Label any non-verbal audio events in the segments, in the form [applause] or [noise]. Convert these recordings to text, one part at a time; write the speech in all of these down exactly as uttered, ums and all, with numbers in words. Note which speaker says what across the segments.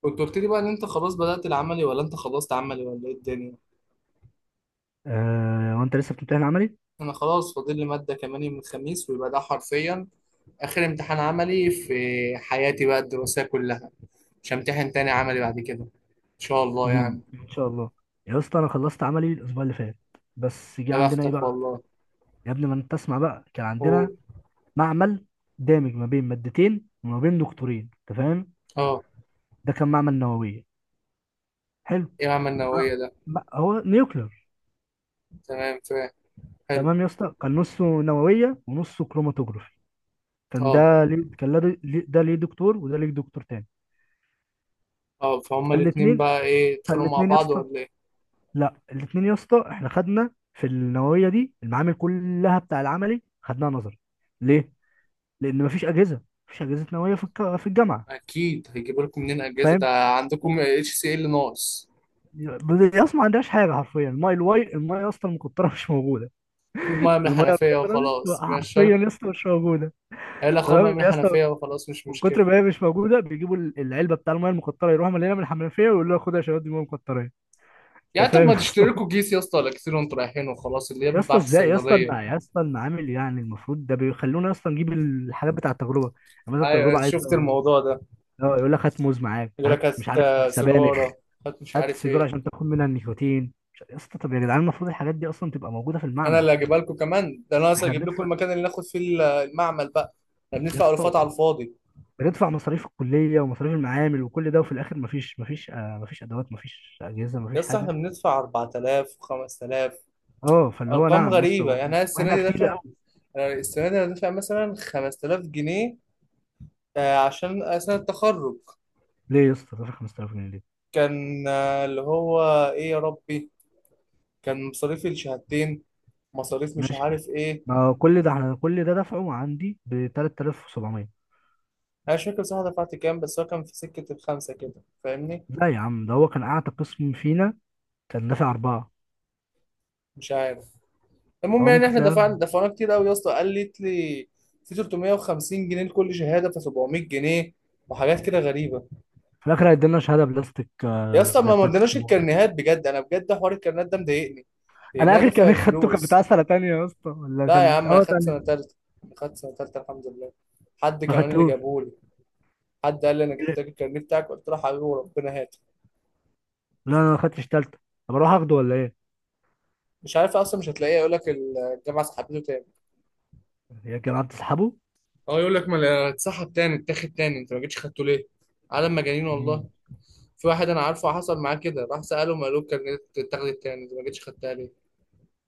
Speaker 1: كنت قلت لي بقى ان انت خلاص بدأت العملي ولا انت خلصت عملي ولا ايه الدنيا؟
Speaker 2: آه، وانت لسه بتمتحن عملي.
Speaker 1: انا خلاص فاضل لي مادة كمان يوم الخميس، ويبقى ده حرفيا اخر امتحان عملي في حياتي بقى الدراسية كلها. مش همتحن تاني عملي بعد كده ان شاء الله يعني.
Speaker 2: مم. ان شاء الله. يا اسطى انا خلصت عملي الاسبوع اللي فات، بس جه
Speaker 1: يا
Speaker 2: عندنا ايه
Speaker 1: بختك
Speaker 2: بقى.
Speaker 1: والله.
Speaker 2: يا ابني ما انت تسمع بقى، كان
Speaker 1: أوه.
Speaker 2: عندنا معمل دامج ما بين مادتين وما بين دكتورين انت فاهم.
Speaker 1: اه.
Speaker 2: ده كان معمل نوويه. حلو.
Speaker 1: ايه عمل
Speaker 2: ما-
Speaker 1: النووية ده؟
Speaker 2: ما- هو نيوكلير.
Speaker 1: تمام، فاهم. حلو.
Speaker 2: تمام يا اسطى، كان نصه نوويه ونصه كروماتوجرافي. كان
Speaker 1: اه.
Speaker 2: ده ليه، كان ده ليه، ده ليه دكتور وده ليه دكتور تاني.
Speaker 1: اه، فهم الاتنين
Speaker 2: فالاثنين
Speaker 1: بقى ايه، يتخانقوا مع
Speaker 2: فالاثنين يا
Speaker 1: بعض
Speaker 2: اسطى،
Speaker 1: ولا ايه؟
Speaker 2: لا الاثنين يا اسطى احنا خدنا في النوويه دي المعامل كلها بتاع العملي خدناها نظري. ليه؟ لان مفيش اجهزه. مفيش اجهزه نوويه في الك- في الجامعه.
Speaker 1: اكيد، هيجيبوا لكم منين اجازة ده؟
Speaker 2: فاهم؟
Speaker 1: عندكم اتش سي ال ناقص.
Speaker 2: يا اسطى ما عندهاش حاجه حرفيا، الماء الواي، المايه يا اسطى المقطره مش موجوده.
Speaker 1: خد ميه من
Speaker 2: المايه
Speaker 1: الحنفية
Speaker 2: المقطره مش
Speaker 1: وخلاص، مش
Speaker 2: حرفيا يا اسطى مش موجوده.
Speaker 1: قال اخويا بقى
Speaker 2: تمام
Speaker 1: من
Speaker 2: يا اسطى.
Speaker 1: الحنفيه وخلاص، مش
Speaker 2: من كتر
Speaker 1: مشكله.
Speaker 2: ما هي مش موجوده بيجيبوا ال- العلبه بتاع المايه المقطره، يروحوا مليانه من الحنفيه ويقولوا لها خد يا شباب دي ميه مقطره.
Speaker 1: يعني
Speaker 2: انت
Speaker 1: طب
Speaker 2: فاهم
Speaker 1: ما تشتري لكم كيس يا اسطى ولا كتير وانتوا رايحين وخلاص، اللي هي
Speaker 2: يا اسطى،
Speaker 1: بيتباع في
Speaker 2: ازاي يا اسطى
Speaker 1: الصيدليه.
Speaker 2: المع- يا اسطى المعامل، يعني المفروض ده بيخلونا اصلا نجيب الحاجات بتاع التجربه. يعني مثلا التجربه
Speaker 1: ايوه، شفت
Speaker 2: عايزه
Speaker 1: الموضوع ده.
Speaker 2: اه يقول لك هات موز معاك،
Speaker 1: يقول
Speaker 2: هات
Speaker 1: لك هات
Speaker 2: مش عارف
Speaker 1: آه،
Speaker 2: سبانخ،
Speaker 1: سيجاره، هات مش
Speaker 2: هات
Speaker 1: عارف
Speaker 2: سيجاره عشان
Speaker 1: ايه.
Speaker 2: تاخد منها النيكوتين، مش عارف- يا اسطى طب يا جدعان المفروض الحاجات دي اصلا تبقى موجوده في
Speaker 1: انا
Speaker 2: المعمل.
Speaker 1: اللي هجيبها لكم كمان، ده انا اصلا
Speaker 2: احنا
Speaker 1: اجيب لكم
Speaker 2: بندفع
Speaker 1: المكان اللي ناخد فيه ال- المعمل بقى. احنا
Speaker 2: يا
Speaker 1: بندفع الفات
Speaker 2: اسطى،
Speaker 1: على الفاضي.
Speaker 2: بندفع مصاريف الكليه ومصاريف المعامل وكل ده، وفي الاخر مفيش، مفيش آه مفيش ادوات، مفيش اجهزه،
Speaker 1: يا
Speaker 2: مفيش
Speaker 1: اسطى،
Speaker 2: حاجه.
Speaker 1: احنا بندفع اربعة الاف و5000،
Speaker 2: اه فاللي هو
Speaker 1: ارقام
Speaker 2: نعم يا اسطى،
Speaker 1: غريبه. يعني
Speaker 2: و-
Speaker 1: انا السنه
Speaker 2: واحنا
Speaker 1: دي
Speaker 2: كتير
Speaker 1: دافع،
Speaker 2: قوي.
Speaker 1: أنا السنه دي انا دافع مثلا خمسة الاف جنيه آه، عشان سنه التخرج.
Speaker 2: ليه يا اسطى دافع خمس تلاف جنيه ليه؟
Speaker 1: كان آه، اللي هو، ايه يا ربي، كان مصاريفي الشهادتين، مصاريف مش
Speaker 2: ماشي.
Speaker 1: عارف ايه.
Speaker 2: ما كل ده احنا كل ده دفعه عندي ب تلات تلاف وسبعمية.
Speaker 1: انا مش فاكر بصراحه دفعت كام، بس هو كان في سكه الخمسه كده، فاهمني.
Speaker 2: لا يا عم، ده هو كان اعتى قسم فينا. كان دافع اربعه.
Speaker 1: مش عارف. المهم
Speaker 2: هو
Speaker 1: يعني
Speaker 2: ممكن
Speaker 1: احنا دفعنا
Speaker 2: تلاقيه
Speaker 1: دفعنا كتير قوي يا اسطى. قالت لي في تلتمية وخمسين جنيه لكل شهاده، ف سبعمية جنيه وحاجات كده غريبه.
Speaker 2: في الاخر هيدينا شهاده بلاستيك،
Speaker 1: يا
Speaker 2: آه،
Speaker 1: اسطى،
Speaker 2: زي
Speaker 1: ما
Speaker 2: بتاعت
Speaker 1: مدناش
Speaker 2: السبوع.
Speaker 1: الكرنيهات بجد، انا بجد حوار الكرنيهات ده مضايقني لان
Speaker 2: انا
Speaker 1: انا
Speaker 2: اخر
Speaker 1: دافع
Speaker 2: كان [laughs] خدته كان بتاع
Speaker 1: الفلوس.
Speaker 2: سنه تانية يا اسطى، ولا
Speaker 1: لا يا
Speaker 2: كان
Speaker 1: عم، انا
Speaker 2: اه
Speaker 1: خدت
Speaker 2: تانية.
Speaker 1: سنه تالته، انا خدت سنه تالته الحمد لله. حد
Speaker 2: ما
Speaker 1: كمان اللي
Speaker 2: خدتوش.
Speaker 1: جابهولي، حد قال لي انا
Speaker 2: لا
Speaker 1: محتاج الكرنيه بتاعك، قلت له حبيبي وربنا هات.
Speaker 2: انا ما خدتش تالتة. طب اروح اخده ولا ايه؟
Speaker 1: مش عارف اصلا، مش هتلاقيه، يقول لك الجامعه سحبته تاني.
Speaker 2: هي كان قعدت تسحبه.
Speaker 1: اه، يقول لك ما اتسحب تاني، اتاخد تاني، انت ما جيتش خدته ليه؟ عالم مجانين والله.
Speaker 2: امم
Speaker 1: في واحد انا عارفه حصل معاه كده، راح ساله، ما قالوك كان اتاخدت تاني، انت ما جيتش خدتها ليه؟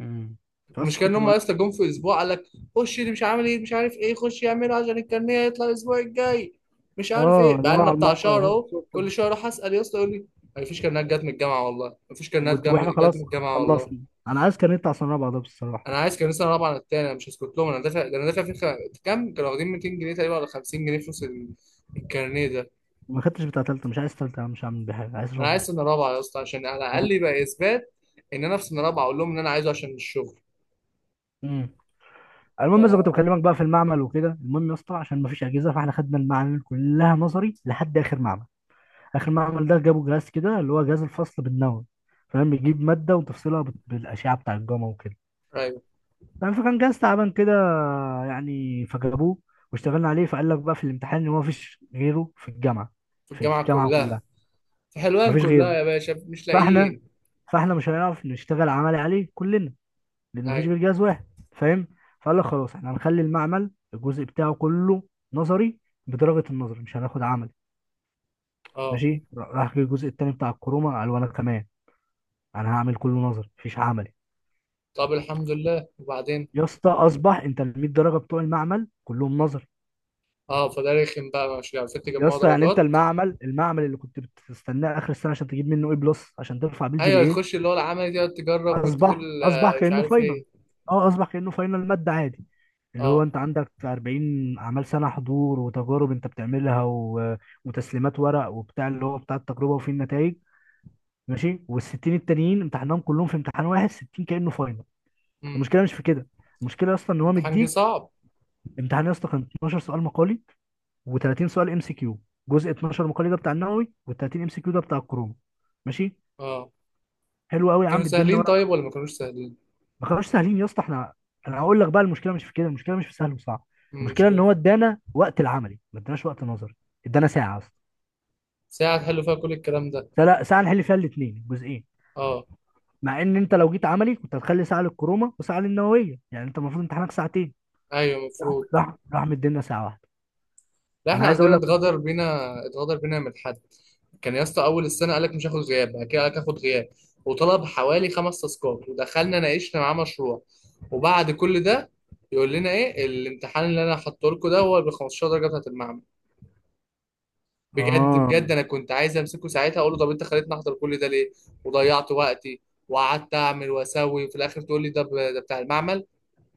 Speaker 2: امم بس
Speaker 1: المشكله ان
Speaker 2: كنت
Speaker 1: هم
Speaker 2: بقول لك.
Speaker 1: اصلا جم في اسبوع قال لك خش اللي مش عامل ايه مش عارف ايه خش يعمله عشان الكارنيه يطلع الاسبوع الجاي، مش عارف
Speaker 2: اه
Speaker 1: ايه.
Speaker 2: اللي هو
Speaker 1: بقى لنا
Speaker 2: على
Speaker 1: بتاع
Speaker 2: الموقع
Speaker 1: شهر
Speaker 2: وهو
Speaker 1: اهو،
Speaker 2: الصوت.
Speaker 1: كل شهر اروح اسال يا اسطى يقول لي ما فيش كارنيهات جت من الجامعه والله، ما فيش كارنيهات
Speaker 2: وإنت-
Speaker 1: جم-
Speaker 2: واحنا
Speaker 1: جت من
Speaker 2: خلاص،
Speaker 1: الجامعه والله.
Speaker 2: خلصنا. انا عايز كان يطلع سنه رابعه ده بصراحه.
Speaker 1: انا عايز كانوا لسه رابعه عن التاني، انا مش هسكت لهم، انا دافع ده، انا دافع في خ... كام كانوا واخدين ميتين جنيه تقريبا ولا خمسين جنيه فلوس ال- الكارنيه ده؟
Speaker 2: ما خدتش بتاع تالتة، مش عايز تالتة يا عم، مش هعمل بيها حاجة، عايز
Speaker 1: انا عايز
Speaker 2: رابعة.
Speaker 1: سنه رابعه يا اسطى عشان على الاقل
Speaker 2: وانا.
Speaker 1: يبقى اثبات ان انا في سنه رابعه، اقول لهم ان انا عايزه عشان الشغل.
Speaker 2: امم المهم بس
Speaker 1: ف،
Speaker 2: كنت بكلمك بقى في المعمل وكده. المهم يا اسطى عشان ما فيش اجهزه، فاحنا خدنا المعامل كلها نظري لحد اخر معمل. اخر معمل ده جابوا جهاز كده اللي هو جهاز الفصل بالنووي. فاهم، بيجيب ماده وتفصلها بت- بالاشعه بتاع الجاما وكده.
Speaker 1: ايوه.
Speaker 2: فاهم، فكان جهاز تعبان كده، يعني فجابوه واشتغلنا عليه. فقال لك بقى في الامتحان ان هو ما فيش غيره في الجامعه،
Speaker 1: في
Speaker 2: في
Speaker 1: الجامعه
Speaker 2: الجامعه
Speaker 1: كلها.
Speaker 2: كلها.
Speaker 1: في
Speaker 2: ما
Speaker 1: حلوان
Speaker 2: فيش
Speaker 1: كلها
Speaker 2: غيره.
Speaker 1: يا باشا، مش
Speaker 2: فاحنا
Speaker 1: لاقيين.
Speaker 2: فاحنا مش هنعرف نشتغل عملي عليه كلنا، لان مفيش
Speaker 1: ايوه.
Speaker 2: غير جهاز واحد. فاهم. فقال لك خلاص احنا هنخلي المعمل الجزء بتاعه كله نظري، بدرجه النظر، مش هناخد عمل.
Speaker 1: اه.
Speaker 2: ماشي. راح جه الجزء التاني بتاع الكروما قال وانا كمان انا هعمل كله نظري، مفيش عملي.
Speaker 1: طب الحمد لله، وبعدين؟
Speaker 2: يا اسطى اصبح انت ال ميه درجه بتوع المعمل كلهم نظري.
Speaker 1: اه، فده رخم بقى، مش عارفين
Speaker 2: يا
Speaker 1: تجمعوا
Speaker 2: اسطى يعني انت
Speaker 1: درجات.
Speaker 2: المعمل، المعمل اللي كنت بتستناه اخر السنه عشان تجيب منه اي بلس عشان ترفع بيه الجي
Speaker 1: ايوه،
Speaker 2: بي اي،
Speaker 1: تخش اللي هو العمل دي تجرب
Speaker 2: اصبح
Speaker 1: وتقول
Speaker 2: اصبح
Speaker 1: آه، مش
Speaker 2: كانه
Speaker 1: عارف
Speaker 2: فاينل.
Speaker 1: ايه.
Speaker 2: اه اصبح كانه فاينل ماده عادي. اللي هو
Speaker 1: اه.
Speaker 2: انت عندك اربعين اعمال سنه حضور وتجارب انت بتعملها و... وتسليمات ورق وبتاع اللي هو بتاع التجربه وفيه النتائج. ماشي، وال60 التانيين امتحانهم كلهم في امتحان واحد، ستين كانه فاينل.
Speaker 1: امم.
Speaker 2: المشكله مش في كده، المشكله اصلا ان هو
Speaker 1: امتحان جه
Speaker 2: مديك
Speaker 1: صعب.
Speaker 2: امتحان. يا اسطى كان اتناشر سؤال مقالي و30 سؤال ام سي كيو. جزء اتناشر مقالي ده بتاع النووي، وال30 ام سي كيو ده بتاع الكورونا. ماشي.
Speaker 1: اه.
Speaker 2: حلو قوي يا
Speaker 1: كانوا
Speaker 2: عم ادينا.
Speaker 1: سهلين طيب ولا ما كانوش سهلين؟
Speaker 2: ما كانوش سهلين يا اسطى احنا. انا هقول لك بقى، المشكله مش في كده، المشكله مش في سهل وصعب.
Speaker 1: مم، مش
Speaker 2: المشكله ان
Speaker 1: كده.
Speaker 2: هو ادانا وقت العملي ما اداناش وقت نظري. ادانا ساعه اصلا.
Speaker 1: ساعة تحلوا فيها كل الكلام ده؟
Speaker 2: ساعه، ساعة نحل فيها الاثنين جزئين.
Speaker 1: اه.
Speaker 2: مع ان انت لو جيت عملي كنت هتخلي ساعه للكرومه وساعه للنوويه، يعني انت المفروض امتحانك ساعتين.
Speaker 1: ايوه، المفروض.
Speaker 2: راح راح مدينا ساعه واحده.
Speaker 1: لا،
Speaker 2: انا
Speaker 1: احنا
Speaker 2: عايز اقول
Speaker 1: عندنا
Speaker 2: لك بس
Speaker 1: اتغدر بينا، اتغدر بينا من حد. كان يا اسطى اول السنة قالك مش هاخد غياب، بعد كده قالك هاخد غياب، وطلب حوالي خمس تاسكات، ودخلنا ناقشنا معاه مشروع، وبعد كل ده يقول لنا ايه؟ الامتحان اللي انا حاطه لكم ده هو ب خمسة عشر درجة بتاعت المعمل. بجد
Speaker 2: اه،
Speaker 1: بجد، انا كنت عايز امسكه ساعتها اقول له طب انت خليتني احضر كل ده ليه وضيعت وقتي وقعدت اعمل واسوي، وفي الاخر تقول لي ده ب- ده بتاع المعمل؟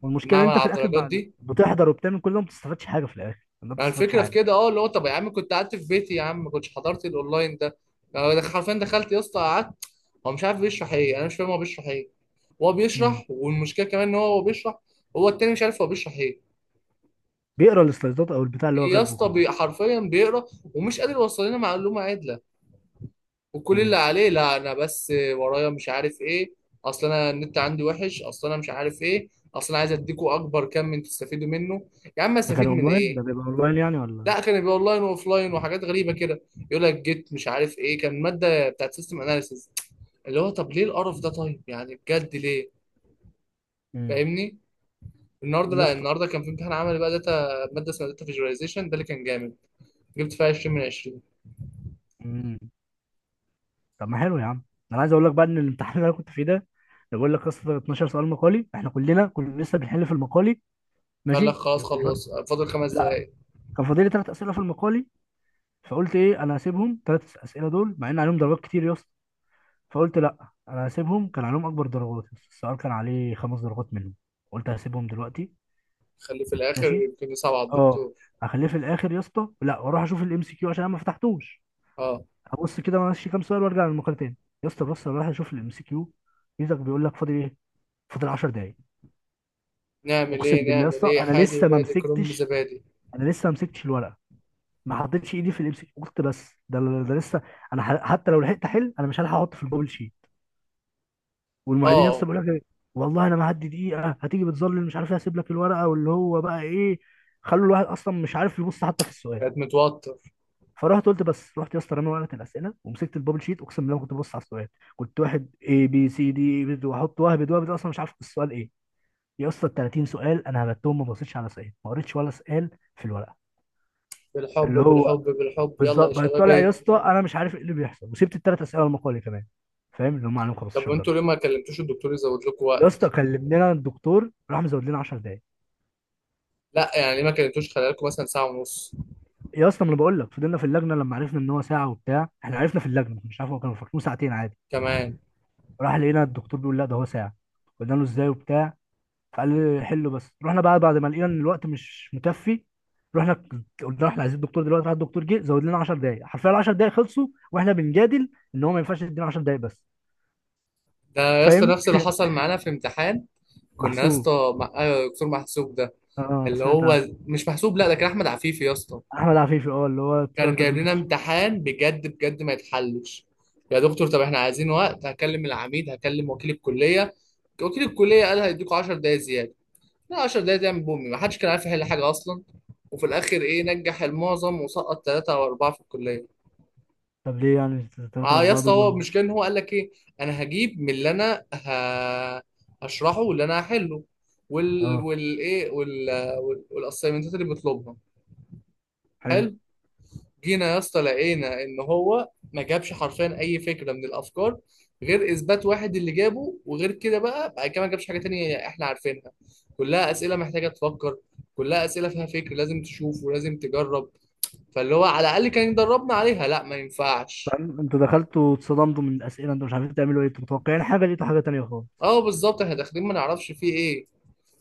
Speaker 2: والمشكله ان
Speaker 1: المعمل
Speaker 2: انت في
Speaker 1: على
Speaker 2: الاخر
Speaker 1: الدرجات
Speaker 2: بعد
Speaker 1: دي؟
Speaker 2: بتحضر وبتعمل كل ده ما بتستفادش حاجه، في الاخر ما
Speaker 1: ما
Speaker 2: بتستفادش
Speaker 1: الفكره في
Speaker 2: حاجه.
Speaker 1: كده. اه، اللي هو طب يا عم كنت قعدت في بيتي يا عم، ما كنتش حضرت الاونلاين ده. أنا دخ- حرفيا دخلت يا اسطى، قعدت، هو مش عارف بيشرح ايه، انا مش فاهم هو بيشرح ايه. هو
Speaker 2: امم
Speaker 1: بيشرح، والمشكله كمان ان هو هو بيشرح، هو التاني مش عارف هو بيشرح ايه.
Speaker 2: بيقرا السلايدات او البتاع اللي هو
Speaker 1: يا
Speaker 2: كاتبه
Speaker 1: اسطى،
Speaker 2: وخلاص.
Speaker 1: بي- حرفيا بيقرا، ومش قادر يوصل لنا معلومه عادله. وكل اللي
Speaker 2: امم
Speaker 1: عليه لا انا بس ورايا مش عارف ايه، اصل انا النت عندي وحش، اصل انا مش عارف ايه، اصل انا عايز اديكوا اكبر كم من تستفيدوا منه. يا عم
Speaker 2: ده كان
Speaker 1: استفيد من
Speaker 2: اونلاين، ده
Speaker 1: ايه؟
Speaker 2: بيبقى اونلاين يعني ولا.
Speaker 1: لا، كان يبقى اونلاين واوفلاين وحاجات غريبه كده. يقول لك جيت مش عارف ايه، كان ماده بتاعت سيستم اناليسيز. اللي هو طب ليه القرف ده طيب، يعني بجد ليه؟
Speaker 2: امم
Speaker 1: فاهمني. النهارده، لا النهارده كان في امتحان عملي بقى داتا، ماده اسمها داتا فيجواليزيشن، ده اللي كان جامد، جبت فيها عشرين من عشرين.
Speaker 2: مم. طب ما حلو يا عم. انا عايز اقول لك بقى ان الامتحان اللي انا كنت فيه ده اللي بقول لك، اصلا اتناشر سؤال مقالي، احنا كلنا كنا لسه بنحل في المقالي.
Speaker 1: قال لك
Speaker 2: ماشي
Speaker 1: خلاص،
Speaker 2: يكون-
Speaker 1: خلص، فاضل خمس
Speaker 2: لا
Speaker 1: دقايق
Speaker 2: كان فاضل لي ثلاث اسئله في المقالي. فقلت ايه، انا هسيبهم ثلاث اسئله دول مع ان عليهم درجات كتير يا اسطى. فقلت لا انا هسيبهم، كان عليهم اكبر درجات، السؤال كان عليه خمس درجات منهم. قلت هسيبهم دلوقتي،
Speaker 1: خليه في الاخر،
Speaker 2: ماشي
Speaker 1: يمكن يصعب على
Speaker 2: اه.
Speaker 1: الدكتور.
Speaker 2: هخليه في الاخر يا اسطى، لا واروح اشوف الام سي كيو عشان انا ما فتحتوش.
Speaker 1: اه.
Speaker 2: هبص كده ماشي كام سؤال وارجع للمقالة تاني. يا اسطى بص انا رايح اشوف الام سي كيو. يزك بيقول لك فاضل ايه، فاضل عشر دقايق.
Speaker 1: نعمل
Speaker 2: اقسم
Speaker 1: ايه
Speaker 2: بالله يا
Speaker 1: نعمل
Speaker 2: اسطى
Speaker 1: ايه،
Speaker 2: انا
Speaker 1: حادي
Speaker 2: لسه ما
Speaker 1: بادي كرنب
Speaker 2: مسكتش،
Speaker 1: زبادي.
Speaker 2: انا لسه ما مسكتش الورقه. ما حطيتش ايدي في الام سي كيو، قلت بس ده ده لسه. انا ح- حتى لو لحقت احل انا مش هلحق احط في الجوجل شيت. والمعيدين يا
Speaker 1: اه،
Speaker 2: اسطى بيقول لك إيه؟ والله انا ما هدي دقيقه هتيجي بتظلل مش عارف ايه، هسيب لك الورقه واللي هو بقى ايه. خلوا الواحد اصلا مش عارف يبص حتى في السؤال.
Speaker 1: بقيت متوتر.
Speaker 2: فرحت قلت بس، رحت يا اسطى رامي ورقه الاسئله ومسكت البابل شيت، اقسم بالله ما كنت ببص على السؤال. كنت واحد اي بي سي دي بد- واحط وهبد وهبد اصلا مش عارف السؤال ايه. يا اسطى ال تلاتين سؤال انا هبتهم ما بصيتش على سؤال، ما قريتش ولا سؤال في الورقه.
Speaker 1: بالحب
Speaker 2: اللي هو
Speaker 1: بالحب بالحب، يلا
Speaker 2: بالظبط،
Speaker 1: يا
Speaker 2: بقيت
Speaker 1: شباب
Speaker 2: طالع يا
Speaker 1: ايه.
Speaker 2: اسطى انا مش عارف ايه اللي بيحصل، وسبت الثلاث اسئله المقالي كمان فاهم، اللي هم عليهم
Speaker 1: طب
Speaker 2: خمستاشر درجه.
Speaker 1: انتوا ليه ما كلمتوش الدكتور يزود لكم؟
Speaker 2: يا اسطى كلمنا الدكتور راح مزود لنا عشر دقائق.
Speaker 1: لا يعني ليه ما كلمتوش خلال لكم مثلا ساعة ونص
Speaker 2: يا اسطى ما انا بقول لك، فضلنا في اللجنه لما عرفنا ان هو ساعه وبتاع، احنا عرفنا في اللجنه مش عارف، هو كانوا فاكرين ساعتين عادي.
Speaker 1: كمان؟
Speaker 2: راح لقينا الدكتور بيقول لا ده هو ساعه. قلنا له ازاي وبتاع، فقال لي حله. بس رحنا بقى بعد ما لقينا ان الوقت مش مكفي، رحنا ك- قلنا احنا عايزين الدكتور دلوقتي. راح الدكتور جه زود لنا عشر دقايق حرفيا، ال عشر دقايق خلصوا واحنا بنجادل ان هو ما ينفعش يدينا عشر دقايق بس.
Speaker 1: ده يا اسطى
Speaker 2: فاهم.
Speaker 1: نفس اللي حصل معانا في امتحان. كنا يا
Speaker 2: محسوب،
Speaker 1: اسطى مع آه، دكتور محسوب ده،
Speaker 2: اه
Speaker 1: اللي
Speaker 2: سمعت عنه.
Speaker 1: هو مش محسوب، لا ده كان احمد عفيفي يا اسطى.
Speaker 2: احمد عفيفي، اه اللي هو طلع
Speaker 1: كان جايب
Speaker 2: قدمت.
Speaker 1: لنا امتحان بجد بجد ما يتحلش. يا دكتور، طب احنا عايزين وقت، هكلم العميد، هكلم وكيل الكلية. وكيل الكلية قال هيديكوا عشر دقايق زيادة. لا، عشر دقايق دي من بومي، ما حدش كان عارف يحل حاجة اصلا. وفي الاخر ايه، نجح المعظم وسقط ثلاثة او اربعة في الكلية.
Speaker 2: طب ليه يعني ثلاثة
Speaker 1: اه يا
Speaker 2: أربعة
Speaker 1: اسطى،
Speaker 2: دول
Speaker 1: هو
Speaker 2: من...
Speaker 1: المشكله ان هو قال لك ايه؟ انا هجيب من اللي انا ه... هشرحه واللي انا هحله، وال
Speaker 2: اه،
Speaker 1: والايه وال وال- والاسايمنتات اللي بيطلبها.
Speaker 2: حلو.
Speaker 1: حلو. جينا يا اسطى لقينا ان هو ما جابش حرفيا اي فكره من الافكار غير اثبات واحد اللي جابه، وغير كده بقى، بعد كده ما جابش حاجه تانية احنا عارفينها. كلها اسئله محتاجه تفكر، كلها اسئله فيها فكر، لازم تشوف ولازم تجرب. فاللي هو على الاقل كان يدربنا عليها، لا ما ينفعش.
Speaker 2: فاهم، انتوا دخلتوا اتصدمتوا من الأسئلة، انتوا مش عارفين تعملوا ايه، انتوا متوقعين حاجة لقيتوا حاجة تانية خالص.
Speaker 1: اه بالظبط، احنا داخلين ما نعرفش فيه ايه،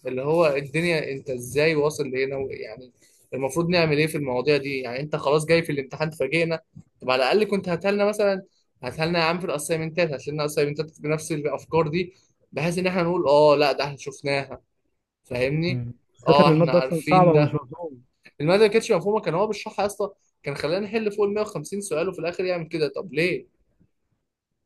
Speaker 1: اللي هو الدنيا انت ازاي واصل لهنا و- يعني. المفروض نعمل ايه في المواضيع دي، يعني انت خلاص جاي في الامتحان تفاجئنا؟ طب على الاقل كنت هاتلنا مثلا، هاتلنا يا عم في الاسايمنتات، هاتلنا اسايمنتات بنفس الافكار دي بحيث ان احنا نقول اه لا ده احنا شفناها، فاهمني.
Speaker 2: مم. بالذات
Speaker 1: اه،
Speaker 2: ان
Speaker 1: احنا
Speaker 2: المادة اصلا صعبة
Speaker 1: عارفين
Speaker 2: ومش
Speaker 1: ده.
Speaker 2: مفهومة.
Speaker 1: الماده ما كانتش مفهومه، كان هو بيشرحها يا اسطى، كان خلانا نحل فوق ال مئة وخمسين سؤال، وفي الاخر يعمل كده. طب ليه،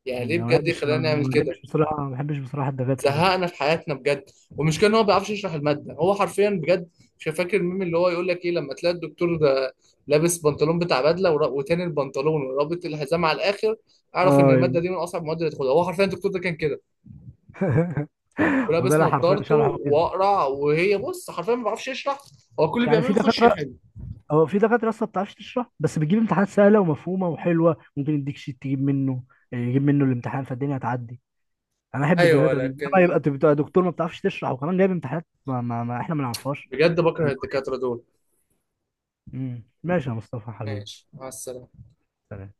Speaker 1: يعني
Speaker 2: مم.
Speaker 1: ليه
Speaker 2: انا ما
Speaker 1: بجد
Speaker 2: بحبش،
Speaker 1: يخلانا
Speaker 2: ما
Speaker 1: نعمل
Speaker 2: ما بحبش
Speaker 1: كده؟
Speaker 2: بصراحة، ما بحبش بصراحة الدكاترة دي.
Speaker 1: زهقنا في حياتنا بجد. والمشكله ان هو ما بيعرفش يشرح الماده هو حرفيا، بجد مش فاكر الميم اللي هو يقول لك ايه لما تلاقي الدكتور ده لابس بنطلون بتاع بدله ورا- وتاني البنطلون ورابط الحزام على الاخر، اعرف ان الماده
Speaker 2: اه
Speaker 1: دي من اصعب المواد اللي تاخدها. هو حرفيا الدكتور ده كان كده،
Speaker 2: [laughs] وده
Speaker 1: ولابس
Speaker 2: اللي حرفيا
Speaker 1: نظارته
Speaker 2: شرحه كده.
Speaker 1: واقرع، وهي بص حرفيا ما بيعرفش يشرح. هو كل اللي
Speaker 2: يعني
Speaker 1: بيعمله
Speaker 2: في
Speaker 1: يخش
Speaker 2: دكاتره،
Speaker 1: يحل.
Speaker 2: هو في دكاتره اصلا ما بتعرفش تشرح بس بتجيب امتحانات سهله ومفهومه وحلوه، ممكن يديك شيت تجيب منه آه، يجيب منه الامتحان فالدنيا هتعدي. انا احب
Speaker 1: ايوه
Speaker 2: الدكاتره دي، انما
Speaker 1: لكن،
Speaker 2: يبقى تبقى دكتور ما بتعرفش تشرح وكمان جايب امتحانات ما, ما, ما احنا ما نعرفهاش.
Speaker 1: بجد بكره
Speaker 2: فال-
Speaker 1: الدكاتره دول.
Speaker 2: مم. ماشي يا مصطفى حبيبي.
Speaker 1: ماشي مع السلامه.
Speaker 2: سلام.